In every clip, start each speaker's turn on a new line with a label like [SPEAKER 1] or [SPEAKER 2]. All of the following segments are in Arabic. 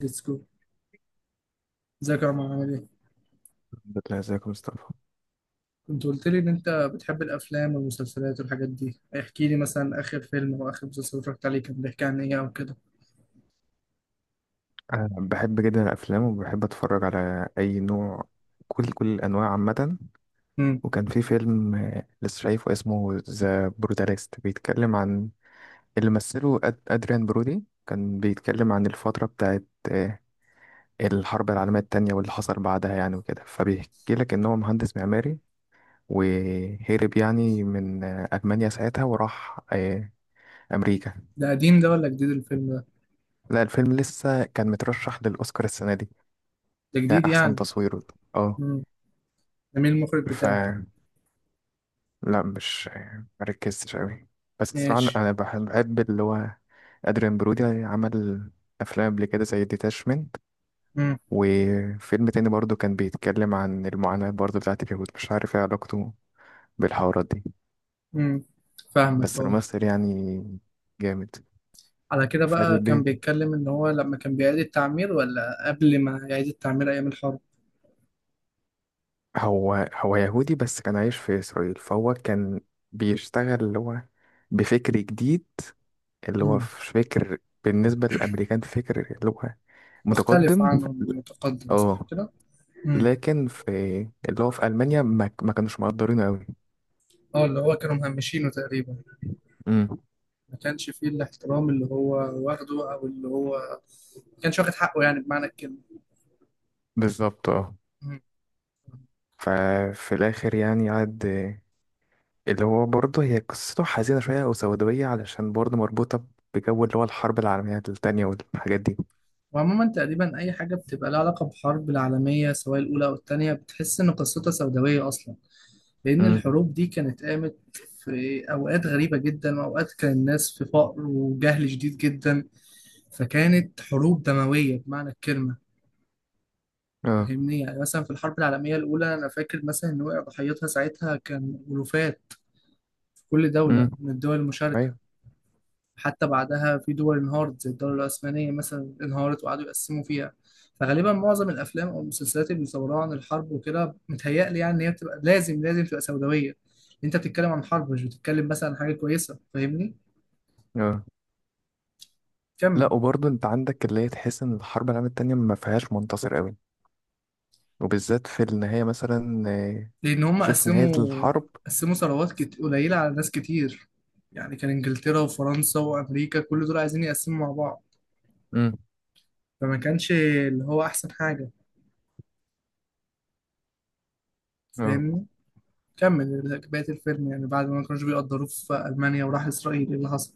[SPEAKER 1] ليتس جو. ازيك يا عمر، عامل ايه؟
[SPEAKER 2] بتلاقي ازيك يا مصطفى.
[SPEAKER 1] كنت قلت لي ان انت بتحب الافلام والمسلسلات والحاجات دي. احكي لي مثلا اخر فيلم او اخر مسلسل اتفرجت عليه كان بيحكي عن ايه او كده.
[SPEAKER 2] أنا بحب جدا الأفلام وبحب أتفرج على أي نوع. كل الأنواع عامة.
[SPEAKER 1] امم.
[SPEAKER 2] وكان في فيلم لسه شايفه اسمه ذا بروتاليست، بيتكلم عن اللي مثله أدريان برودي. كان بيتكلم عن الفترة بتاعت آه، الحرب العالمية التانية واللي حصل بعدها يعني وكده، فبيحكي لك إن هو مهندس معماري وهرب يعني من ألمانيا ساعتها وراح أمريكا.
[SPEAKER 1] ده قديم ده ولا جديد الفيلم ده؟
[SPEAKER 2] لا، الفيلم لسه كان مترشح للأوسكار السنة دي
[SPEAKER 1] ده جديد
[SPEAKER 2] كأحسن
[SPEAKER 1] يعني.
[SPEAKER 2] تصوير. اه.
[SPEAKER 1] امم. ده مين المخرج
[SPEAKER 2] ف
[SPEAKER 1] بتاعه؟
[SPEAKER 2] لا، مش مركزتش قوي. بس بصراحة
[SPEAKER 1] ماشي.
[SPEAKER 2] أنا بحب اللي هو أدريان برودي عمل أفلام قبل كده زي ديتاشمنت.
[SPEAKER 1] امم.
[SPEAKER 2] وفيلم تاني برضو كان بيتكلم عن المعاناة برضو بتاعت اليهود، مش عارف ايه علاقته بالحوارات دي.
[SPEAKER 1] امم. فاهمك.
[SPEAKER 2] بس
[SPEAKER 1] اه.
[SPEAKER 2] الممثل يعني جامد.
[SPEAKER 1] على كده بقى، كان
[SPEAKER 2] فالبيت،
[SPEAKER 1] بيتكلم ان هو لما كان بيعيد التعمير ولا قبل ما يعيد التعمير ايام الحرب؟
[SPEAKER 2] هو هو يهودي بس كان عايش في إسرائيل، فهو كان بيشتغل اللي هو بفكر جديد. اللي هو
[SPEAKER 1] امم.
[SPEAKER 2] في فكر بالنسبة للأمريكان فكر اللي هو
[SPEAKER 1] مختلف
[SPEAKER 2] متقدم.
[SPEAKER 1] عنهم، متقدم، صح
[SPEAKER 2] اه.
[SPEAKER 1] كده؟ امم.
[SPEAKER 2] لكن في اللي هو في ألمانيا ما كانوش مقدرينه أوي.
[SPEAKER 1] اه، اللي هو كانوا مهمشينه تقريبا.
[SPEAKER 2] امم.
[SPEAKER 1] ما كانش فيه الاحترام اللي هو واخده، او اللي هو ما كانش واخد حقه يعني بمعنى الكلمه.
[SPEAKER 2] بالظبط اه.
[SPEAKER 1] مم.
[SPEAKER 2] ففي الآخر يعني قعد اللي هو برضه، هي قصته حزينة شوية أو سوداوية علشان برضه مربوطة بجو اللي هو الحرب العالمية التانية والحاجات دي.
[SPEAKER 1] وعموما تقريبا اي حاجه بتبقى لها علاقه بحرب العالميه سواء الاولى او الثانيه بتحس ان قصتها سوداويه اصلا، لان
[SPEAKER 2] امم.
[SPEAKER 1] الحروب دي كانت قامت في اوقات غريبه جدا، واوقات كان الناس في فقر وجهل شديد جدا. فكانت حروب دمويه بمعنى الكلمه.
[SPEAKER 2] اه.
[SPEAKER 1] فاهمني، يعني مثلا في الحرب العالميه الاولى انا فاكر مثلا ان وقع ضحيتها ساعتها كان الوفات في كل دوله
[SPEAKER 2] امم.
[SPEAKER 1] من الدول المشاركه.
[SPEAKER 2] أيوه.
[SPEAKER 1] حتى بعدها في دول انهارت زي الدولة العثمانية مثلا انهارت وقعدوا يقسموا فيها. فغالبا معظم الافلام او المسلسلات اللي بيصوروها عن الحرب وكده متهيألي يعني ان هي بتبقى لازم لازم تبقى سوداوية. انت بتتكلم عن حرب، مش بتتكلم مثلا عن حاجة كويسة، فاهمني.
[SPEAKER 2] اه.
[SPEAKER 1] كمل.
[SPEAKER 2] لا وبرضه أنت عندك اللي هي تحس إن الحرب العالمية التانية ما فيهاش منتصر أوي، وبالذات في النهاية مثلا
[SPEAKER 1] لان هم
[SPEAKER 2] شوف نهاية
[SPEAKER 1] قسموا
[SPEAKER 2] الحرب.
[SPEAKER 1] قسموا ثروات قليلة على ناس كتير. يعني كان انجلترا وفرنسا وامريكا كل دول عايزين يقسموا مع بعض.
[SPEAKER 2] امم.
[SPEAKER 1] فما كانش اللي هو احسن حاجة.
[SPEAKER 2] آه،
[SPEAKER 1] فاهمني. كمل. بقية الفيلم يعني بعد ما كانوش بيقدروه في ألمانيا وراح إسرائيل، إيه اللي حصل؟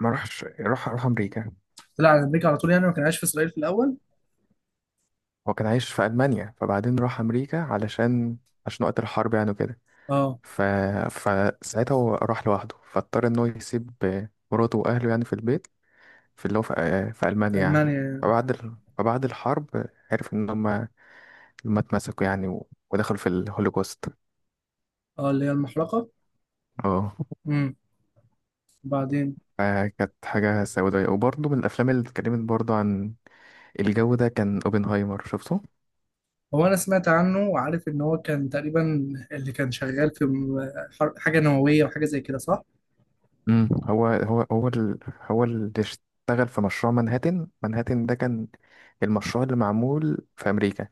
[SPEAKER 2] ما راحش، راح أمريكا.
[SPEAKER 1] طلع على أمريكا على طول يعني، ما كان عايش في إسرائيل في الأول؟
[SPEAKER 2] هو كان عايش في ألمانيا فبعدين راح أمريكا علشان، عشان وقت الحرب يعني وكده.
[SPEAKER 1] أه.
[SPEAKER 2] ف... فساعتها هو راح لوحده فاضطر إن هو يسيب مراته وأهله يعني في البيت، في اللي هو في
[SPEAKER 1] في
[SPEAKER 2] ألمانيا
[SPEAKER 1] ألمانيا
[SPEAKER 2] يعني.
[SPEAKER 1] يعني.
[SPEAKER 2] فبعد الحرب عرف إن هما اتمسكوا يعني ودخلوا في الهولوكوست.
[SPEAKER 1] أه، اللي هي المحرقة.
[SPEAKER 2] اه.
[SPEAKER 1] امم. بعدين.
[SPEAKER 2] فكانت حاجة سوداوية. وبرضه من الأفلام اللي اتكلمت برضه عن الجو ده كان اوبنهايمر شفته.
[SPEAKER 1] هو أنا سمعت عنه وعارف إن هو كان تقريبا اللي كان شغال في حاجة نووية وحاجة زي كده، صح؟
[SPEAKER 2] امم. هو اللي اشتغل في مشروع منهاتن. منهاتن ده كان المشروع اللي معمول في امريكا،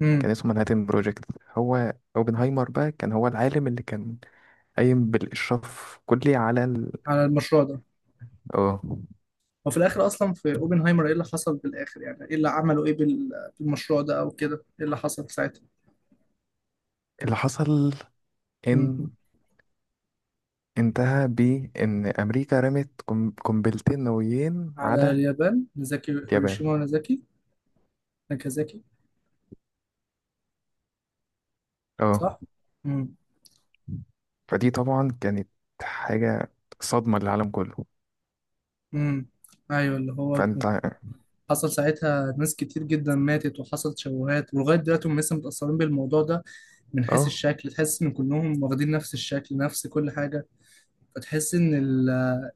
[SPEAKER 1] امم.
[SPEAKER 2] كان اسمه منهاتن بروجكت. هو اوبنهايمر بقى كان هو العالم اللي كان قايم بالاشراف كلي
[SPEAKER 1] على المشروع ده.
[SPEAKER 2] اه.
[SPEAKER 1] وفي الآخر أصلا في أوبنهايمر إيه اللي حصل في الآخر؟ يعني إيه اللي عملوا، إيه بالمشروع ده أو كده، إيه اللي حصل ساعتها؟
[SPEAKER 2] اللي حصل
[SPEAKER 1] امم.
[SPEAKER 2] ان انتهى بان امريكا رمت قنبلتين نوويين
[SPEAKER 1] على
[SPEAKER 2] على
[SPEAKER 1] اليابان، هيروشيما
[SPEAKER 2] اليابان.
[SPEAKER 1] ونازاكي. ناكازاكي.
[SPEAKER 2] اه.
[SPEAKER 1] صح؟ امم.
[SPEAKER 2] فدي طبعا كانت حاجة صدمة للعالم كله.
[SPEAKER 1] امم. ايوه، اللي هو
[SPEAKER 2] فانت.
[SPEAKER 1] حصل ساعتها ناس كتير جدا ماتت، وحصل تشوهات، ولغايه دلوقتي هم لسه متاثرين بالموضوع ده. من حيث
[SPEAKER 2] اه.
[SPEAKER 1] الشكل تحس ان كلهم واخدين نفس الشكل، نفس كل حاجه. فتحس ان ال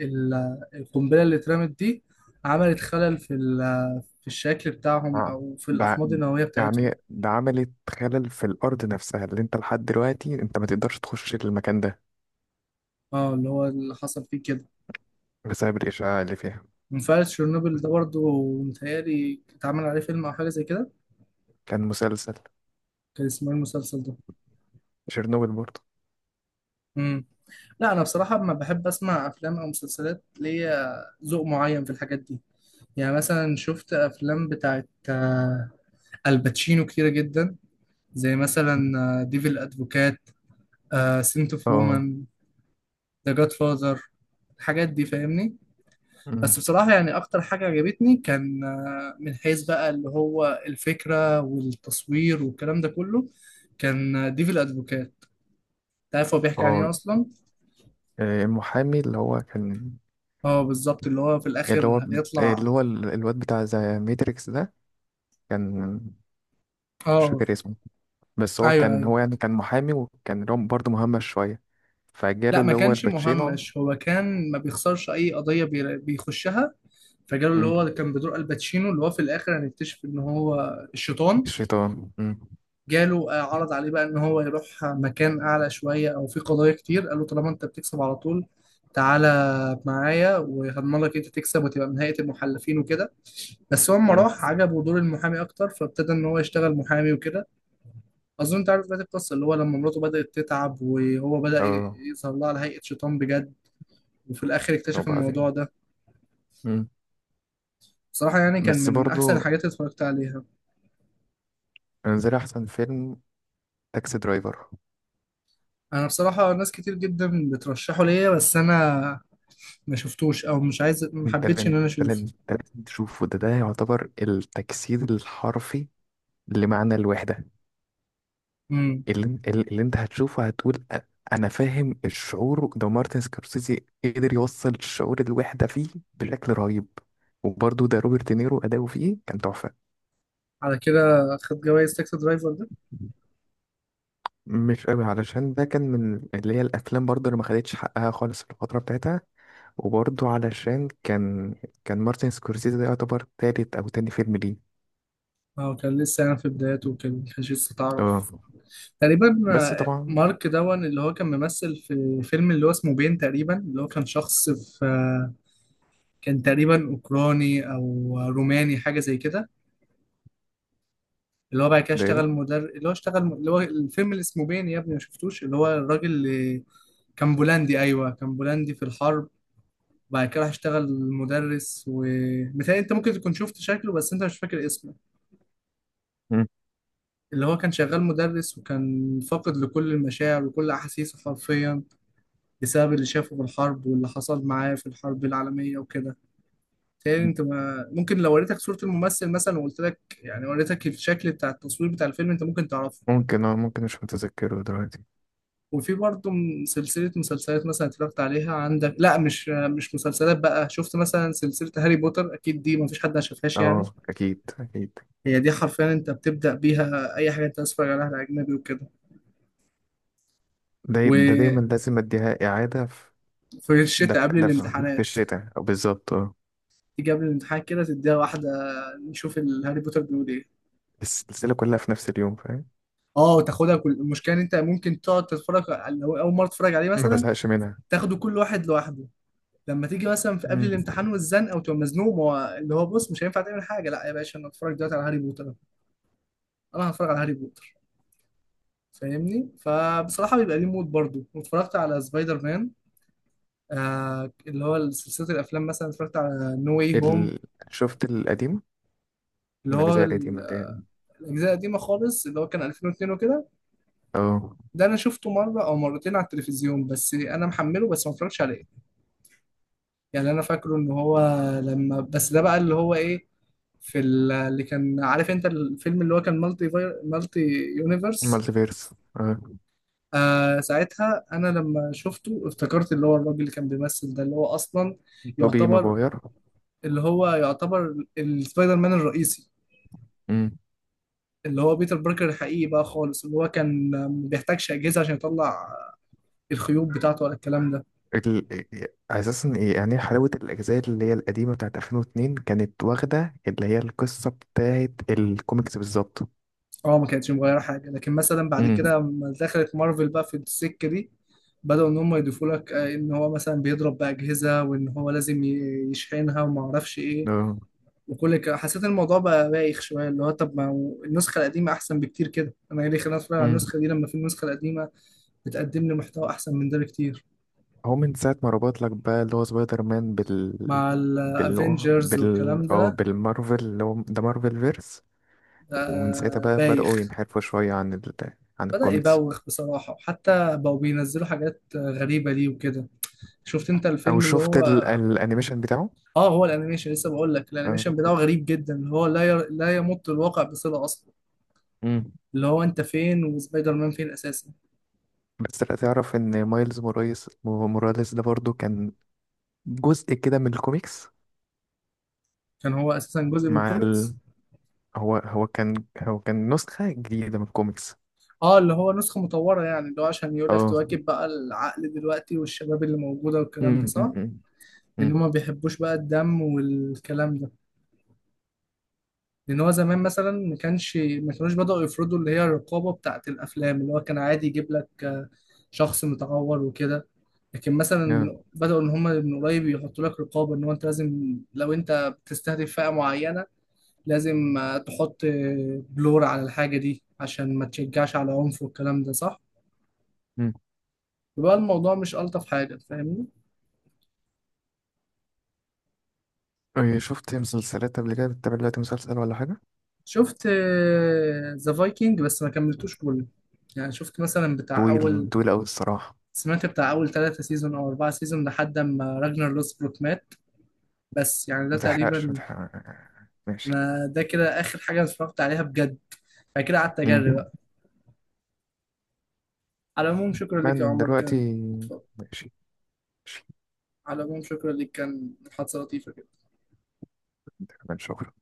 [SPEAKER 1] ال القنبله اللي اترمت دي عملت خلل في في الشكل بتاعهم،
[SPEAKER 2] آه.
[SPEAKER 1] او في
[SPEAKER 2] ده
[SPEAKER 1] الاحماض النوويه بتاعتهم.
[SPEAKER 2] ده عملت خلل في الأرض نفسها، اللي انت لحد دلوقتي انت ما تقدرش تخش المكان ده
[SPEAKER 1] اه، اللي هو اللي حصل فيه كده.
[SPEAKER 2] بسبب الإشعاع اللي فيها.
[SPEAKER 1] منفعل تشيرنوبل ده برضه، متهيألي اتعمل عليه فيلم او حاجه زي كده.
[SPEAKER 2] كان مسلسل
[SPEAKER 1] كان اسمه إيه المسلسل
[SPEAKER 2] تشيرنوبل برضه.
[SPEAKER 1] ده؟ لا، انا بصراحه ما بحب اسمع افلام او مسلسلات. ليا ذوق معين في الحاجات دي. يعني مثلا شفت افلام بتاعت الباتشينو كتيره جدا، زي مثلا ديفل ادفوكات، سنت اوف
[SPEAKER 2] اه.
[SPEAKER 1] وومن، ذا جاد فاذر. الحاجات دي، فاهمني.
[SPEAKER 2] أمم.
[SPEAKER 1] بس بصراحه، يعني اكتر حاجه عجبتني كان من حيث بقى اللي هو الفكره والتصوير والكلام ده كله، كان ديفل ادفوكات. تعرف هو بيحكي عن
[SPEAKER 2] اه.
[SPEAKER 1] ايه اصلا؟
[SPEAKER 2] المحامي اللي هو كان،
[SPEAKER 1] اه، بالظبط اللي هو في
[SPEAKER 2] اللي هو
[SPEAKER 1] الاخر
[SPEAKER 2] ب-
[SPEAKER 1] هيطلع.
[SPEAKER 2] اللي هو ال- الواد بتاع ذا ماتريكس ده كان، مش
[SPEAKER 1] اه.
[SPEAKER 2] فاكر اسمه. بس هو
[SPEAKER 1] ايوه
[SPEAKER 2] كان،
[SPEAKER 1] ايوه.
[SPEAKER 2] هو يعني كان محامي، وكان اللي هو برضه مهمش شوية، فجاله
[SPEAKER 1] لا، ما
[SPEAKER 2] اللي هو
[SPEAKER 1] كانش
[SPEAKER 2] الباتشينو.
[SPEAKER 1] مهمش، هو كان ما بيخسرش اي قضيه بيخشها. فجاله اللي
[SPEAKER 2] أمم.
[SPEAKER 1] هو كان بدور الباتشينو، اللي هو في الاخر هنكتشف ان هو الشيطان.
[SPEAKER 2] الشيطان أمم.
[SPEAKER 1] جاله عرض عليه بقى ان هو يروح مكان اعلى شويه، او في قضايا كتير قال له طالما انت بتكسب على طول تعالى معايا وهضمن لك انت تكسب وتبقى من هيئه المحلفين وكده. بس هو اما
[SPEAKER 2] أمم.
[SPEAKER 1] راح عجبه دور المحامي اكتر، فابتدى ان هو يشتغل محامي وكده. اظن انت عارف بقى القصه، اللي هو لما مراته بدات تتعب وهو بدا
[SPEAKER 2] اه.
[SPEAKER 1] يظهر لها على هيئه شيطان بجد. وفي الاخر اكتشف
[SPEAKER 2] وبعدين.
[SPEAKER 1] الموضوع ده.
[SPEAKER 2] مم.
[SPEAKER 1] بصراحة يعني كان
[SPEAKER 2] بس
[SPEAKER 1] من احسن
[SPEAKER 2] برضو
[SPEAKER 1] الحاجات اللي اتفرجت عليها.
[SPEAKER 2] انزل احسن فيلم، تاكسي درايفر.
[SPEAKER 1] انا بصراحة ناس كتير جدا بترشحه ليا بس انا ما شفتوش، او مش عايز، ما
[SPEAKER 2] ده اللي ده
[SPEAKER 1] حبيتش ان
[SPEAKER 2] اللي
[SPEAKER 1] انا
[SPEAKER 2] ده اللي
[SPEAKER 1] اشوف.
[SPEAKER 2] أنت لازم تشوفه. ده يعتبر التجسيد الحرفي لمعنى الوحدة.
[SPEAKER 1] امم.
[SPEAKER 2] اللي انت هتشوفه هتقول انا فاهم الشعور ده. مارتن سكورسيزي قدر يوصل شعور الوحدة فيه بشكل رهيب. وبرضو ده روبرت دينيرو اداؤه فيه كان تحفة.
[SPEAKER 1] على كده خد جوائز تاكسي درايفر ده؟
[SPEAKER 2] مش قوي علشان ده كان من اللي هي الافلام برضه اللي ما خدتش حقها خالص في الفتره بتاعتها. وبرضه علشان كان، مارتن سكورسيزي ده يعتبر تالت أو تاني فيلم ليه.
[SPEAKER 1] اه، كان لسه يعني في بداياته وكده، ما كانش لسه
[SPEAKER 2] اه.
[SPEAKER 1] تعرف تقريبا.
[SPEAKER 2] بس طبعا.
[SPEAKER 1] مارك دون اللي هو كان ممثل في فيلم اللي هو اسمه بين، تقريبا اللي هو كان شخص في كان تقريبا اوكراني او روماني، حاجة زي كده. اللي هو بعد كده
[SPEAKER 2] ده ايه
[SPEAKER 1] اشتغل
[SPEAKER 2] ده؟
[SPEAKER 1] مدرب، اللي هو اشتغل اللي هو الفيلم اللي اسمه بين يا ابني، ما شفتوش؟ اللي هو الراجل اللي كان بولندي. ايوه كان بولندي في الحرب، وبعد كده راح اشتغل مدرس، ومتهيألي انت ممكن تكون شفت شكله بس انت مش فاكر اسمه.
[SPEAKER 2] مم.
[SPEAKER 1] اللي هو كان شغال مدرس وكان فاقد لكل المشاعر وكل احاسيسه حرفيا، بسبب اللي شافه في الحرب واللي حصل معاه في الحرب العالمية وكده. متهيألي انت ما ممكن لو وريتك صورة الممثل مثلا وقلت لك يعني، وريتك الشكل بتاع التصوير بتاع الفيلم، انت ممكن تعرفه.
[SPEAKER 2] ممكن مش متذكره دلوقتي.
[SPEAKER 1] وفي برضه من سلسلة مسلسلات مثلا اتفرجت عليها عندك. لا، مش مسلسلات بقى، شفت مثلا سلسلة هاري بوتر، أكيد دي مفيش حد ما شافهاش يعني.
[SPEAKER 2] اه، أكيد أكيد.
[SPEAKER 1] هي دي حرفيا أنت بتبدأ بيها أي حاجة أنت عايز تتفرج عليها أجنبي وكده.
[SPEAKER 2] ده
[SPEAKER 1] وفي
[SPEAKER 2] دايما لازم أديها إعادة في، ده
[SPEAKER 1] الشتاء
[SPEAKER 2] في
[SPEAKER 1] قبل
[SPEAKER 2] ده في في
[SPEAKER 1] الامتحانات
[SPEAKER 2] الشتاء أو بالظبط اه.
[SPEAKER 1] تيجي قبل الامتحان كده تديها واحدة، نشوف الهاري بوتر بيقول إيه.
[SPEAKER 2] السلسلة كلها في نفس اليوم فاهم.
[SPEAKER 1] اه، تاخدها. كل المشكلة إن أنت ممكن تقعد تتفرج لو أول مرة تتفرج عليه
[SPEAKER 2] ما
[SPEAKER 1] مثلا
[SPEAKER 2] بزهقش منها.
[SPEAKER 1] تاخده كل واحد لوحده. لما تيجي مثلا في قبل
[SPEAKER 2] مم.
[SPEAKER 1] الامتحان والزنقه وتبقى مزنوق، ما هو اللي هو بص مش هينفع تعمل حاجه، لا يا باشا انا اتفرج دلوقتي على هاري بوتر. انا هتفرج على هاري بوتر. فاهمني، فبصراحه بيبقى ليه مود. برضو واتفرجت على سبايدر مان، اللي هو سلسله الافلام، مثلا اتفرجت على نو واي هوم،
[SPEAKER 2] ال... شفت القديم
[SPEAKER 1] اللي
[SPEAKER 2] من
[SPEAKER 1] هو
[SPEAKER 2] الأجزاء القديمة اللي يعني.
[SPEAKER 1] الاجزاء القديمه خالص اللي هو كان 2002 وكده.
[SPEAKER 2] اه،
[SPEAKER 1] ده انا شفته مره او مرتين على التلفزيون بس انا محمله، بس ما اتفرجتش عليه. يعني انا فاكره ان هو لما بس، ده بقى اللي هو ايه، اللي كان عارف انت الفيلم اللي هو كان مالتي فاير، مالتي يونيفرس.
[SPEAKER 2] مالتيفيرس. اه،
[SPEAKER 1] ساعتها انا لما شفته افتكرت اللي هو الراجل اللي كان بيمثل ده اللي هو اصلا
[SPEAKER 2] توبي
[SPEAKER 1] يعتبر،
[SPEAKER 2] ماجواير.
[SPEAKER 1] اللي هو يعتبر السبايدر مان الرئيسي، اللي هو بيتر باركر الحقيقي بقى خالص، اللي هو كان ما بيحتاجش اجهزه عشان يطلع الخيوط بتاعته ولا الكلام ده.
[SPEAKER 2] ال... اساسا إيه يعني، حلاوه الاجزاء اللي هي القديمه بتاعت 2002 كانت واخده اللي هي القصه بتاعت الكوميكس بالظبط.
[SPEAKER 1] اه، ما كانتش مغيره حاجه. لكن مثلا بعد
[SPEAKER 2] امم.
[SPEAKER 1] كده لما دخلت مارفل بقى في السكه دي، بدأوا إن هم يضيفوا لك إن هو مثلا بيضرب بأجهزة وإن هو لازم يشحنها وما أعرفش إيه.
[SPEAKER 2] ده.
[SPEAKER 1] وكل كده حسيت إن الموضوع بقى بايخ شويه، اللي هو طب ما هو النسخه القديمه احسن بكتير كده، انا ايه اللي خلاني اتفرج على
[SPEAKER 2] امم.
[SPEAKER 1] النسخه دي لما في النسخه القديمه بتقدم لي محتوى احسن من ده بكتير.
[SPEAKER 2] هو من ساعه ما ربط لك بقى اللي هو سبايدر مان بال،
[SPEAKER 1] مع
[SPEAKER 2] بال
[SPEAKER 1] الافينجرز
[SPEAKER 2] بال
[SPEAKER 1] والكلام
[SPEAKER 2] او
[SPEAKER 1] ده.
[SPEAKER 2] بالمارفل، اللي هو ده مارفل فيرس. ومن ساعتها بقى بداوا
[SPEAKER 1] بايخ.
[SPEAKER 2] ينحرفوا شويه عن
[SPEAKER 1] بدأ
[SPEAKER 2] الكوميكس.
[SPEAKER 1] يبوخ بصراحة، وحتى بقوا بينزلوا حاجات غريبة ليه وكده. شفت انت
[SPEAKER 2] او
[SPEAKER 1] الفيلم اللي
[SPEAKER 2] شفت
[SPEAKER 1] هو.
[SPEAKER 2] الانيميشن بتاعه.
[SPEAKER 1] اه، هو الانيميشن. لسه بقول لك
[SPEAKER 2] آه.
[SPEAKER 1] الانيميشن بتاعه غريب جدا، اللي هو لا يمت الواقع بصلة اصلا.
[SPEAKER 2] امم.
[SPEAKER 1] اللي هو انت فين وسبايدر مان فين اساسا.
[SPEAKER 2] بس لا، تعرف ان مايلز موراليس ده برضو كان جزء كده من الكوميكس،
[SPEAKER 1] كان هو اساسا جزء من
[SPEAKER 2] مع ال...
[SPEAKER 1] الكوميكس.
[SPEAKER 2] هو كان نسخة جديدة من الكوميكس.
[SPEAKER 1] اه، اللي هو نسخة مطورة يعني، اللي هو عشان يقول لك
[SPEAKER 2] اه.
[SPEAKER 1] تواكب بقى العقل دلوقتي والشباب اللي موجودة والكلام ده،
[SPEAKER 2] أمم، أمم،
[SPEAKER 1] صح؟
[SPEAKER 2] أمم،
[SPEAKER 1] لأن هما
[SPEAKER 2] أمم.
[SPEAKER 1] ما بيحبوش بقى الدم والكلام ده. لأن هو زمان مثلا ما كانوش بدأوا يفرضوا اللي هي الرقابة بتاعة الأفلام. اللي هو كان عادي يجيب لك شخص متعور وكده. لكن مثلا
[SPEAKER 2] آه،
[SPEAKER 1] بدأوا إن هما من قريب يحطوا لك رقابة، إن هو أنت لازم لو أنت بتستهدف فئة معينة لازم تحط بلور على الحاجة دي عشان ما تشجعش على عنف والكلام ده، صح؟
[SPEAKER 2] أمم.
[SPEAKER 1] بقى الموضوع مش ألطف حاجة، فاهمني.
[SPEAKER 2] إيه، شفت مسلسلات قبل كده؟ بتتابع دلوقتي مسلسل ولا حاجة؟
[SPEAKER 1] شفت ذا فايكنج بس ما كملتوش كله. يعني شفت مثلا بتاع
[SPEAKER 2] طويل
[SPEAKER 1] أول
[SPEAKER 2] طويل أوي الصراحة.
[SPEAKER 1] سمعت بتاع أول 3 سيزون أو 4 سيزون لحد ما راجنر لوسبروك مات. بس يعني ده
[SPEAKER 2] متحرقش،
[SPEAKER 1] تقريبا.
[SPEAKER 2] متحرق. ماشي.
[SPEAKER 1] أنا ده كده آخر حاجة أنا اتفرجت عليها بجد. بعد كده قعدت أجري
[SPEAKER 2] أمم.
[SPEAKER 1] بقى. على العموم شكرا ليك يا
[SPEAKER 2] من
[SPEAKER 1] عمر
[SPEAKER 2] دلوقتي.
[SPEAKER 1] كان.
[SPEAKER 2] ماشي. ماشي.
[SPEAKER 1] على العموم شكرا ليك كان محادثة لطيفة.
[SPEAKER 2] تمام، شكرا.